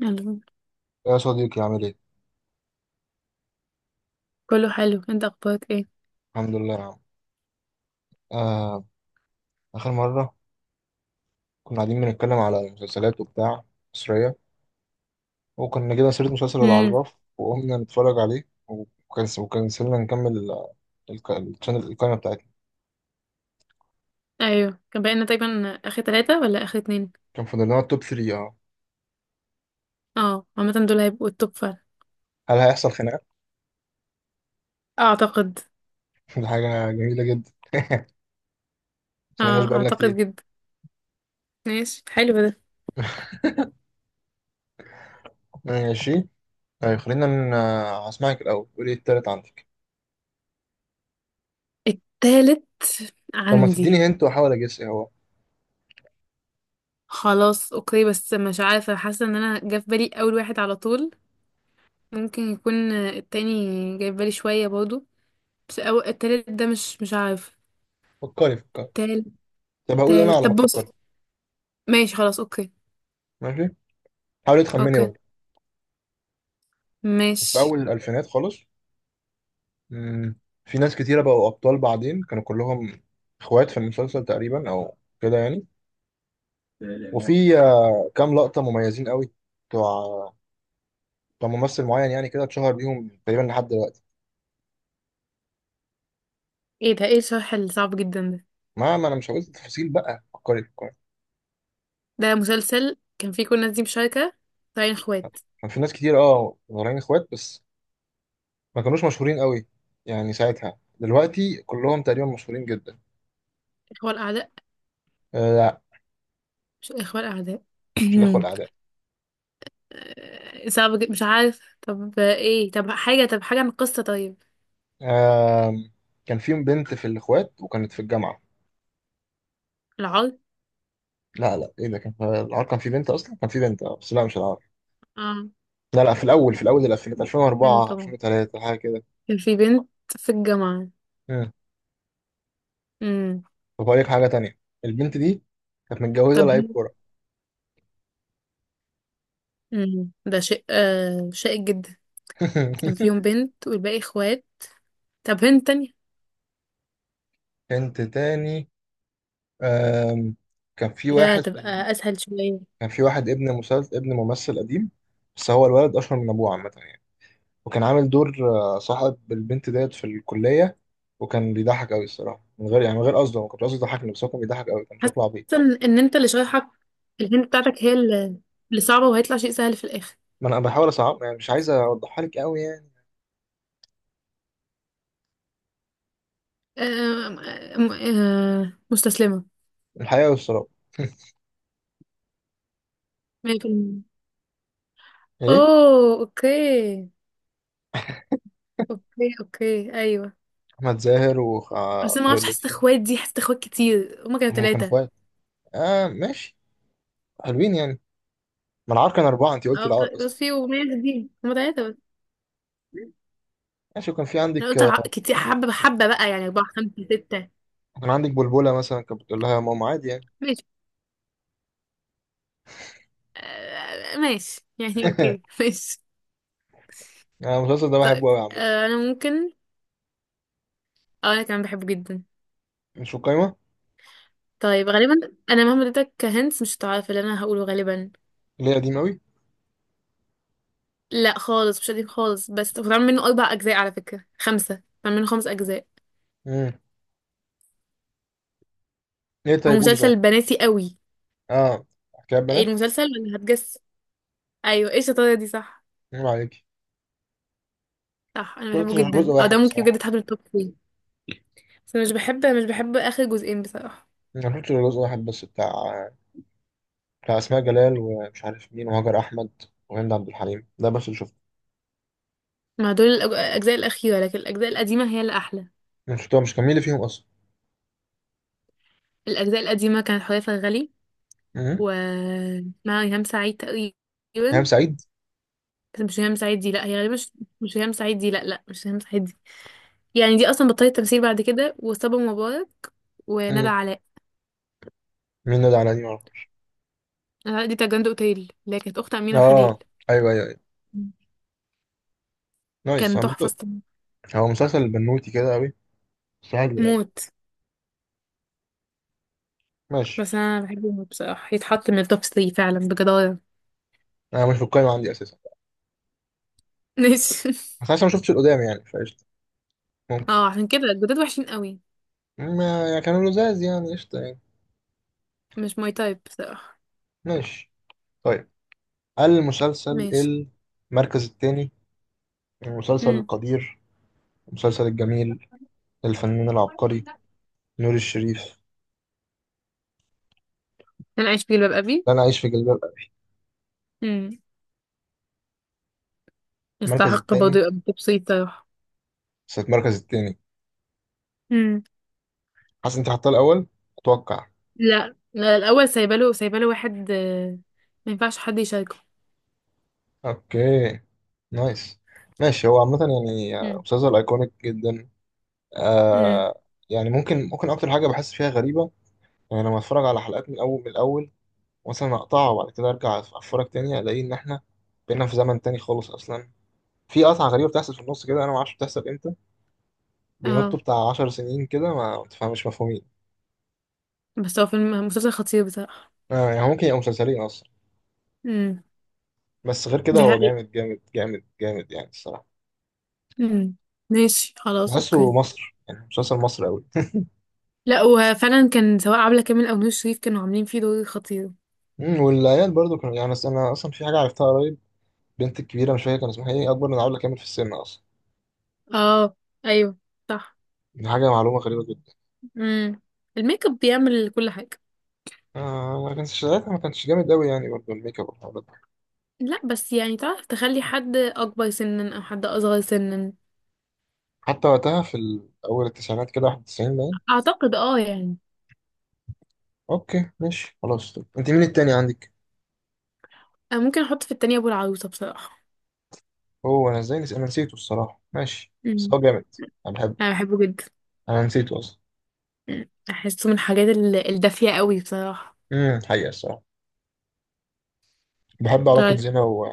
يلا، يا صديقي عامل ايه؟ كله حلو. انت اخبارك ايه؟ الحمد لله يا عم. آه، آخر مرة كنا قاعدين بنتكلم على المسلسلات وبتاع مصرية، وكنا جبنا سيرة مسلسل امم العراف وقمنا نتفرج عليه، وكنسلنا نكمل الشانل القائمة بتاعتنا. ايوه كان بقينا تقريبا اخر ثلاثة ولا اخر اتنين. كان فاضل لنا التوب 3. اه اه عامة دول هيبقوا التوب فعلا. هل هيحصل خناقة؟ اعتقد. دي حاجة جميلة جدا. خليناش اه بقالنا اعتقد كتير. جدا. ماشي حلو ده. ماشي. طيب، خلينا هسمعك الأول، قولي إيه التالت عندك، التالت لما عندي. تديني هنت وأحاول أجس إيه هو. خلاص اوكي، بس مش عارفة، حاسة ان انا جه في بالي اول واحد على طول. ممكن يكون التاني جاي في بالي شوية برضه، بس أو التالت ده مش عارف. فكري فكري. تالت. طب هقول أنا تالت على ما طب بص. تفكري. ماشي خلاص اوكي. ماشي، حاولي تخمني اوكي برضه. في ماشي. أول الألفينات خالص. مم. في ناس كتيرة بقوا أبطال بعدين، كانوا كلهم إخوات في المسلسل تقريبا، أو كده يعني. وفي كام لقطة مميزين قوي بتوع بتوع ممثل معين يعني، كده اتشهر بيهم تقريبا لحد دلوقتي. ايه ده، ايه الشرح الصعب جدا ده؟ ما أنا مش هقول تفاصيل بقى، فكري فكري. ده مسلسل كان فيه كل الناس دي مشاركة، طالعين اخوات. كان في ناس كتير أه طالعين إخوات، بس ما كانوش مشهورين قوي يعني ساعتها، دلوقتي كلهم تقريبا مشهورين جدا. اخوة الأعداء. آه لا، مش اخوة الأعداء. مش الإخوة الأعداء. صعب جدا مش عارف. طب ايه؟ طب حاجة، طب حاجة عن القصة طيب. آه، كان فيهم بنت في الإخوات وكانت في الجامعة. العار. لا لا، ايه ده، كان العار كان في بنت اصلا، كان في بنت بس لا، مش العار. اه لا لا، في الاول الالفينات، بنت 2004 طبعا. 2003، حاجه كده. كان في بنت في الجامعة. مم. امم طب هقول لك حاجه تانية، البنت دي كانت متجوزه طب. لعيب كوره. ده شيء شائك جدا. كان فيهم بنت والباقي اخوات. طب هنت تانية. بنت تاني. آم، كان في حاجة واحد تبقى أسهل شوية. كان في واحد ابن مسلسل، ابن ممثل قديم، بس هو الولد اشهر من ابوه عامه يعني. وكان عامل دور صاحب البنت ديت في الكليه، وكان بيضحك قوي الصراحه، من غير يعني، من غير قصده، ما كنتش قصدي يضحكني، بس هو كان بيضحك قوي، كان حاسة شكله عبيط. إن أنت اللي شايحك، الهنت بتاعتك هي اللي صعبة، وهيطلع شيء سهل في الآخر. ما انا بحاول اصعب يعني، مش عايز اوضحها لك قوي يعني. آم، آم، آه، مستسلمة. الحقيقة والسراب. 100%. ايه. اوه اوكي. اوكي اوكي ايوه. احمد زاهر بس انا ما وطارق اعرفش، حاسه لطفي. اخوات دي، حاسه اخوات كتير. هما كانوا هم كانوا ثلاثة. اخوات. اه ماشي، حلوين يعني. ما العار كان اربعة، انت قلتي اه العار اصلا. بس في ومية دي هما ثلاثة بس. ماشي، وكان في انا عندك قلت آه، كتير حبة بحبة بقى يعني اربعة خمسة ستة. كان عندك بلبلة مثلا، كانت بتقول لها يا ماما عادي يعني. ماشي. ماشي يعني اوكي. ماشي. انا المسلسل ده طيب بحبه قوي عامة. انا ممكن. اه انا كمان بحبه جدا. مش في القايمة. طيب غالبا انا مهما اديتك هنت مش هتعرف اللي انا هقوله غالبا. ليه، قديم قوي؟ لا خالص مش قديم خالص، بس اتعمل منه اربع اجزاء، على فكره خمسه، اتعمل منه خمس اجزاء. امم. ليه هو طيب، قولي طيب. مسلسل بناتي قوي. اه، حكاية ايه بنات. المسلسل ولا هتجس؟ ايوه، ايه الشطاره دي؟ صح. نعم عليكي. صح انا شفتش بحبه غير جزء جدا، او ده واحد ممكن بجد بصراحة. يتحط من التوب 3. بس أنا مش بحب اخر جزئين بصراحه. ما شفتش غير جزء واحد بس، بتاع اسماء جلال ومش عارف مين، وهاجر احمد، وهند عبد الحليم، ده بس اللي شفته. مع دول الاجزاء الاخيره، لكن الاجزاء القديمه هي اللي احلى. مش كان مين اللي فيهم الاجزاء القديمه كانت حوريه فرغلي اصلا؟ و مع ريهام سعيد تقريبا. هام سعيد. بس مش ريهام سعيد دي، لا هي غالبا مش. مش ريهام سعيد دي، لا لا مش ريهام سعيد دي. يعني دي اصلا بطلت تمثيل بعد كده. وصبا مبارك وندى مم. علاء. مين نادي على دي؟ معرفش. ندى علاء دي بتاعت جراند اوتيل، اللي هي كانت اخت امينه خليل. اه ايوه ايوه ايوه، مم. نايس كان عم. تحفه الصراحة. هو مسلسل بنوتي كده قوي، بس حلو يعني. موت. ماشي. بس انا بحبه موت بصراحه، يتحط من التوب 3 فعلا بجداره. انا مش في القايمه عندي اساسا. ماشي. بس انا لسه ما شفتش القدام يعني، فقشطه ممكن. اه عشان كده الجداد وحشين قوي. ما يعني كانوا لزاز يعني، قشطه يعني. مش ماي تايب بصراحه. ماشي. طيب، المسلسل، ماشي. المركز الثاني، المسلسل امم القدير، المسلسل الجميل، الفنان العبقري نور الشريف. انا عايش في جلباب ابي. لا، انا عايش في جلباب ابي. امم المركز يستحق برضه الثاني. يبقى من التوب 3 بصراحه. بس المركز الثاني. امم حاسس انت حاطاه الاول، اتوقع. لا لا، الاول سايباله، سايباله واحد ما ينفعش حد يشاركه. اوكي، نايس. ماشي، هو عامة يعني امم مسلسل ايكونيك جدا. امم آه. يعني ممكن اكتر حاجة بحس فيها غريبة، يعني لما اتفرج على حلقات من الاول، مثلا اقطعها وبعد كده ارجع اتفرج تاني، الاقي ان احنا بقينا في زمن تاني خالص اصلا. في قطعة غريبة بتحصل في النص كده، انا ما اعرفش بتحصل امتى. بينطوا اه بتاع 10 سنين كده، ما تفهمش، مفهومين. بس هو فيلم مسلسل خطير بصراحه. آه يعني ممكن يبقى مسلسلين اصلا. امم بس غير كده دي هو حقيقة. جامد جامد جامد جامد يعني الصراحة. امم ماشي خلاص بحسه اوكي. مصر يعني، مسلسل مصر قوي. لا وفعلا كان سواء عبلة كامل او نور شريف كانوا عاملين فيه دور خطير. والعيال برضو كانوا يعني، أنا أصلا في حاجة عرفتها قريب. البنت الكبيرة، مش فاكر كان اسمها ايه، أكبر من علا كامل في السن أصلا. اه ايوه صح. دي حاجة معلومة غريبة جدا. امم الميك اب بيعمل كل حاجة. آه، ما كانش ساعتها ما كانش جامد أوي يعني برضه، الميك اب والحوارات دي. لا بس يعني تعرف تخلي حد اكبر سنا او حد اصغر سنا. حتى وقتها، في أول التسعينات كده، 91 باين. اعتقد اه يعني. أوكي ماشي خلاص. طب، أنت مين التاني عندك؟ أنا ممكن احط في التانية ابو العروسة بصراحة. هو أنا أنا نسيته الصراحة، ماشي بس امم هو جامد. أنا بحبه. انا بحبه جدا. أنا نسيته أصلا. مم. احسه من الحاجات الدافية قوي بصراحة. امم، حقيقة الصراحة. بحب علاقة طيب. زينة و...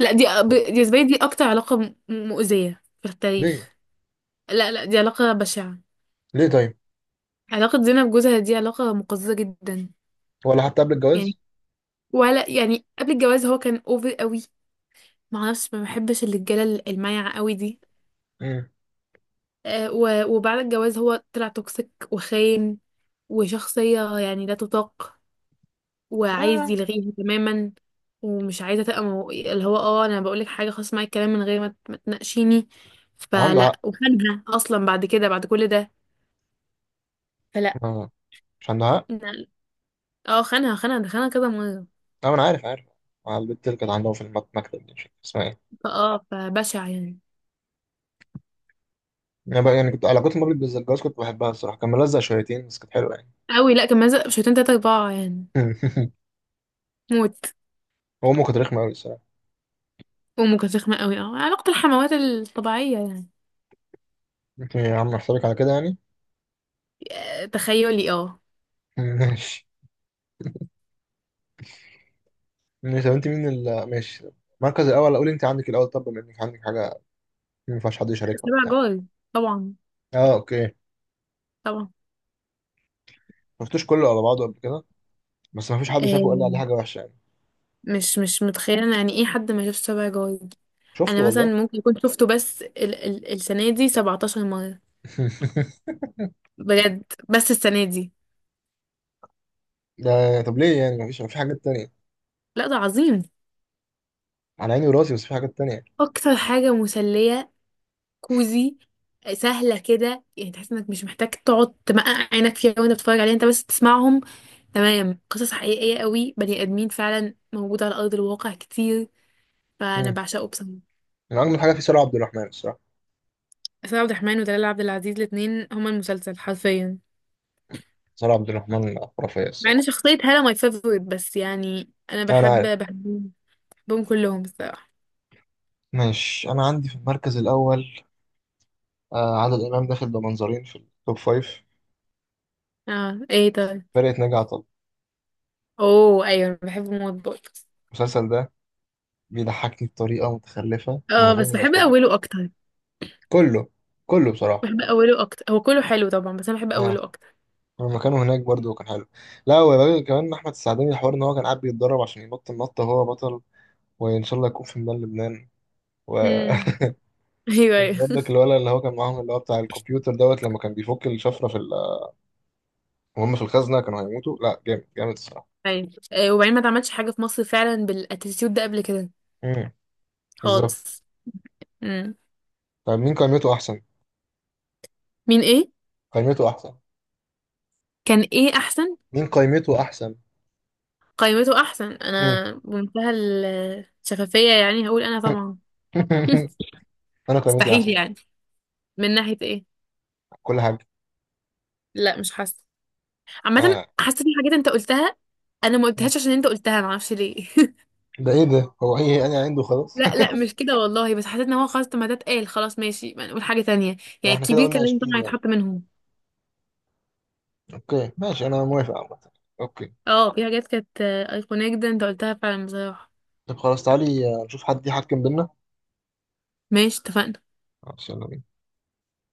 لا دي بالنسبة لي دي اكتر علاقة مؤذية في ليه؟ التاريخ. لا لا دي علاقة بشعة. ليه طيب؟ علاقة زينب بجوزها دي علاقة مقززة جدا. ولا حتى قبل يعني الجواز؟ ولا يعني قبل الجواز هو كان اوفر قوي. معرفش، ما بحبش الرجالة المايعة قوي دي. امم. وبعد الجواز هو طلع توكسيك وخاين، وشخصية يعني لا تطاق، وعايز آه. يلغيها تماما، ومش عايزة تبقى اللي هو اه انا بقولك حاجة خلاص معايا، الكلام من غير ما تناقشيني. عنده فلا، حق. وخانها اصلا بعد كده، بعد كل ده. فلا. آه. مش عنده حق؟ لا. اه خانها خانها خانها كذا مرة. أه، أنا عارف عارف. مع البنت اللي كانت عندهم في المكتب دي، مش عارف اسمها إيه. فاه فبشع يعني. انا بقى يعني كنت علاقتي بمبلك بالزجاج، كنت بحبها الصراحه، كان ملزق شويتين بس كانت حلوه يعني. قوي. لا كان مازق بشويتين تلاتة أربعة يعني. موت. هو امه كانت رخمه قوي الصراحه. أمه كانت رخمة قوي. اه علاقة الحموات الطبيعية يعني. انت يا عم احسبك على كده يعني. تخيلي اه. ماشي. ماشي، طب انت مين ماشي. المركز الاول، اقول انت عندك الاول طب، بما انك عندك حاجه ما ينفعش حد يشاركها سبع وبتاع. جار. طبعا. اه اوكي. طبعا. ما شفتوش كله على بعضه قبل كده، بس ما فيش حد آه، شافه وقال لي عليه حاجه وحشه يعني. مش متخيلة أنا يعني ايه حد ما شافش سبع جار. شفته أنا مثلا والله. ممكن أكون شفته بس ال ال السنة دي 17 مرة. بجد. بس السنة دي. ده طب ليه يعني، ما فيش في حاجات تانية؟ لا ده عظيم. على عيني وراسي، بس في حاجات تانية يعني. أكتر حاجة مسلية، كوزي، سهلة كده. يعني تحس انك مش محتاج تقعد تمقع عينك فيها وانت بتتفرج عليها، انت بس تسمعهم. تمام. قصص حقيقية قوي، بني آدمين فعلا موجودة على أرض الواقع كتير. فأنا مم. بعشقه بصراحة. من اجمل حاجه في سارة عبد الرحمن الصراحه. آسر عبد الرحمن ودلال عبد العزيز، الاتنين هما المسلسل حرفيا. سارة عبد الرحمن خرافيه مع ان الصراحه. شخصية هالة ماي فيفورت، بس يعني أنا انا، بحبهم. بحبهم كلهم الصراحة. ماشي. أنا عندي في المركز الأول آه عادل إمام، داخل بمنظرين في التوب فايف. اه ايه طيب. فرقة ناجي عطا الله. اوه ايوه أنا بحب موت برضه. المسلسل ده بيضحكني بطريقة متخلفة من اه غير بس ما بحب يصدق. أوله أكتر. كله، كله بصراحة. بحب أوله أكتر، هو كله حلو طبعا بس أنا بحب آه. أوله لما كانوا هناك برضه كان حلو. لا، وبعدين كمان أحمد السعداني، الحوار إن هو كان قاعد بيتدرب عشان ينط النطة هو بطل، وإن شاء الله يكون في ميدان لبنان، و أكتر. ايوه ايوه. برضك الولد اللي هو كان معاهم، اللي هو بتاع الكمبيوتر دوت، لما كان بيفك الشفرة في وهم في الخزنة، كانوا هيموتوا. لا جامد جامد الصراحة. أيوة. وبعدين ما اتعملش حاجه في مصر فعلا بالاتيتيود ده قبل كده امم. بالظبط. خالص. امم طب مين قائمته أحسن؟ مين ايه؟ قائمته أحسن، كان ايه احسن؟ مين قيمته احسن. قائمته احسن. مم. انا بمنتهى الشفافيه يعني هقول انا طبعا. انا قيمتي مستحيل احسن. يعني. من ناحيه ايه؟ كل حاجه. لا مش حاسه. عامه. آه. حاسه في حاجات انت قلتها، انا ما قلتهاش عشان انت قلتها، ما اعرفش ليه. ده ايه ده، هو ايه انا عنده خلاص. لا لا مش كده والله، بس حسيت ان هو خلاص طب ما ده اتقال خلاص ماشي ما نقول حاجه تانية. لا يعني احنا كده الكبير قلنا كان لازم 20 طبعا يعني. يتحط منهم. اوكي ماشي، انا موافق عامه. اوكي. اه في حاجات كانت ايقونيه جدا انت قلتها فعلا بصراحه. طب خلاص، تعالي نشوف حد يحكم بينا. ماشي اتفقنا. خلاص، يلا بينا.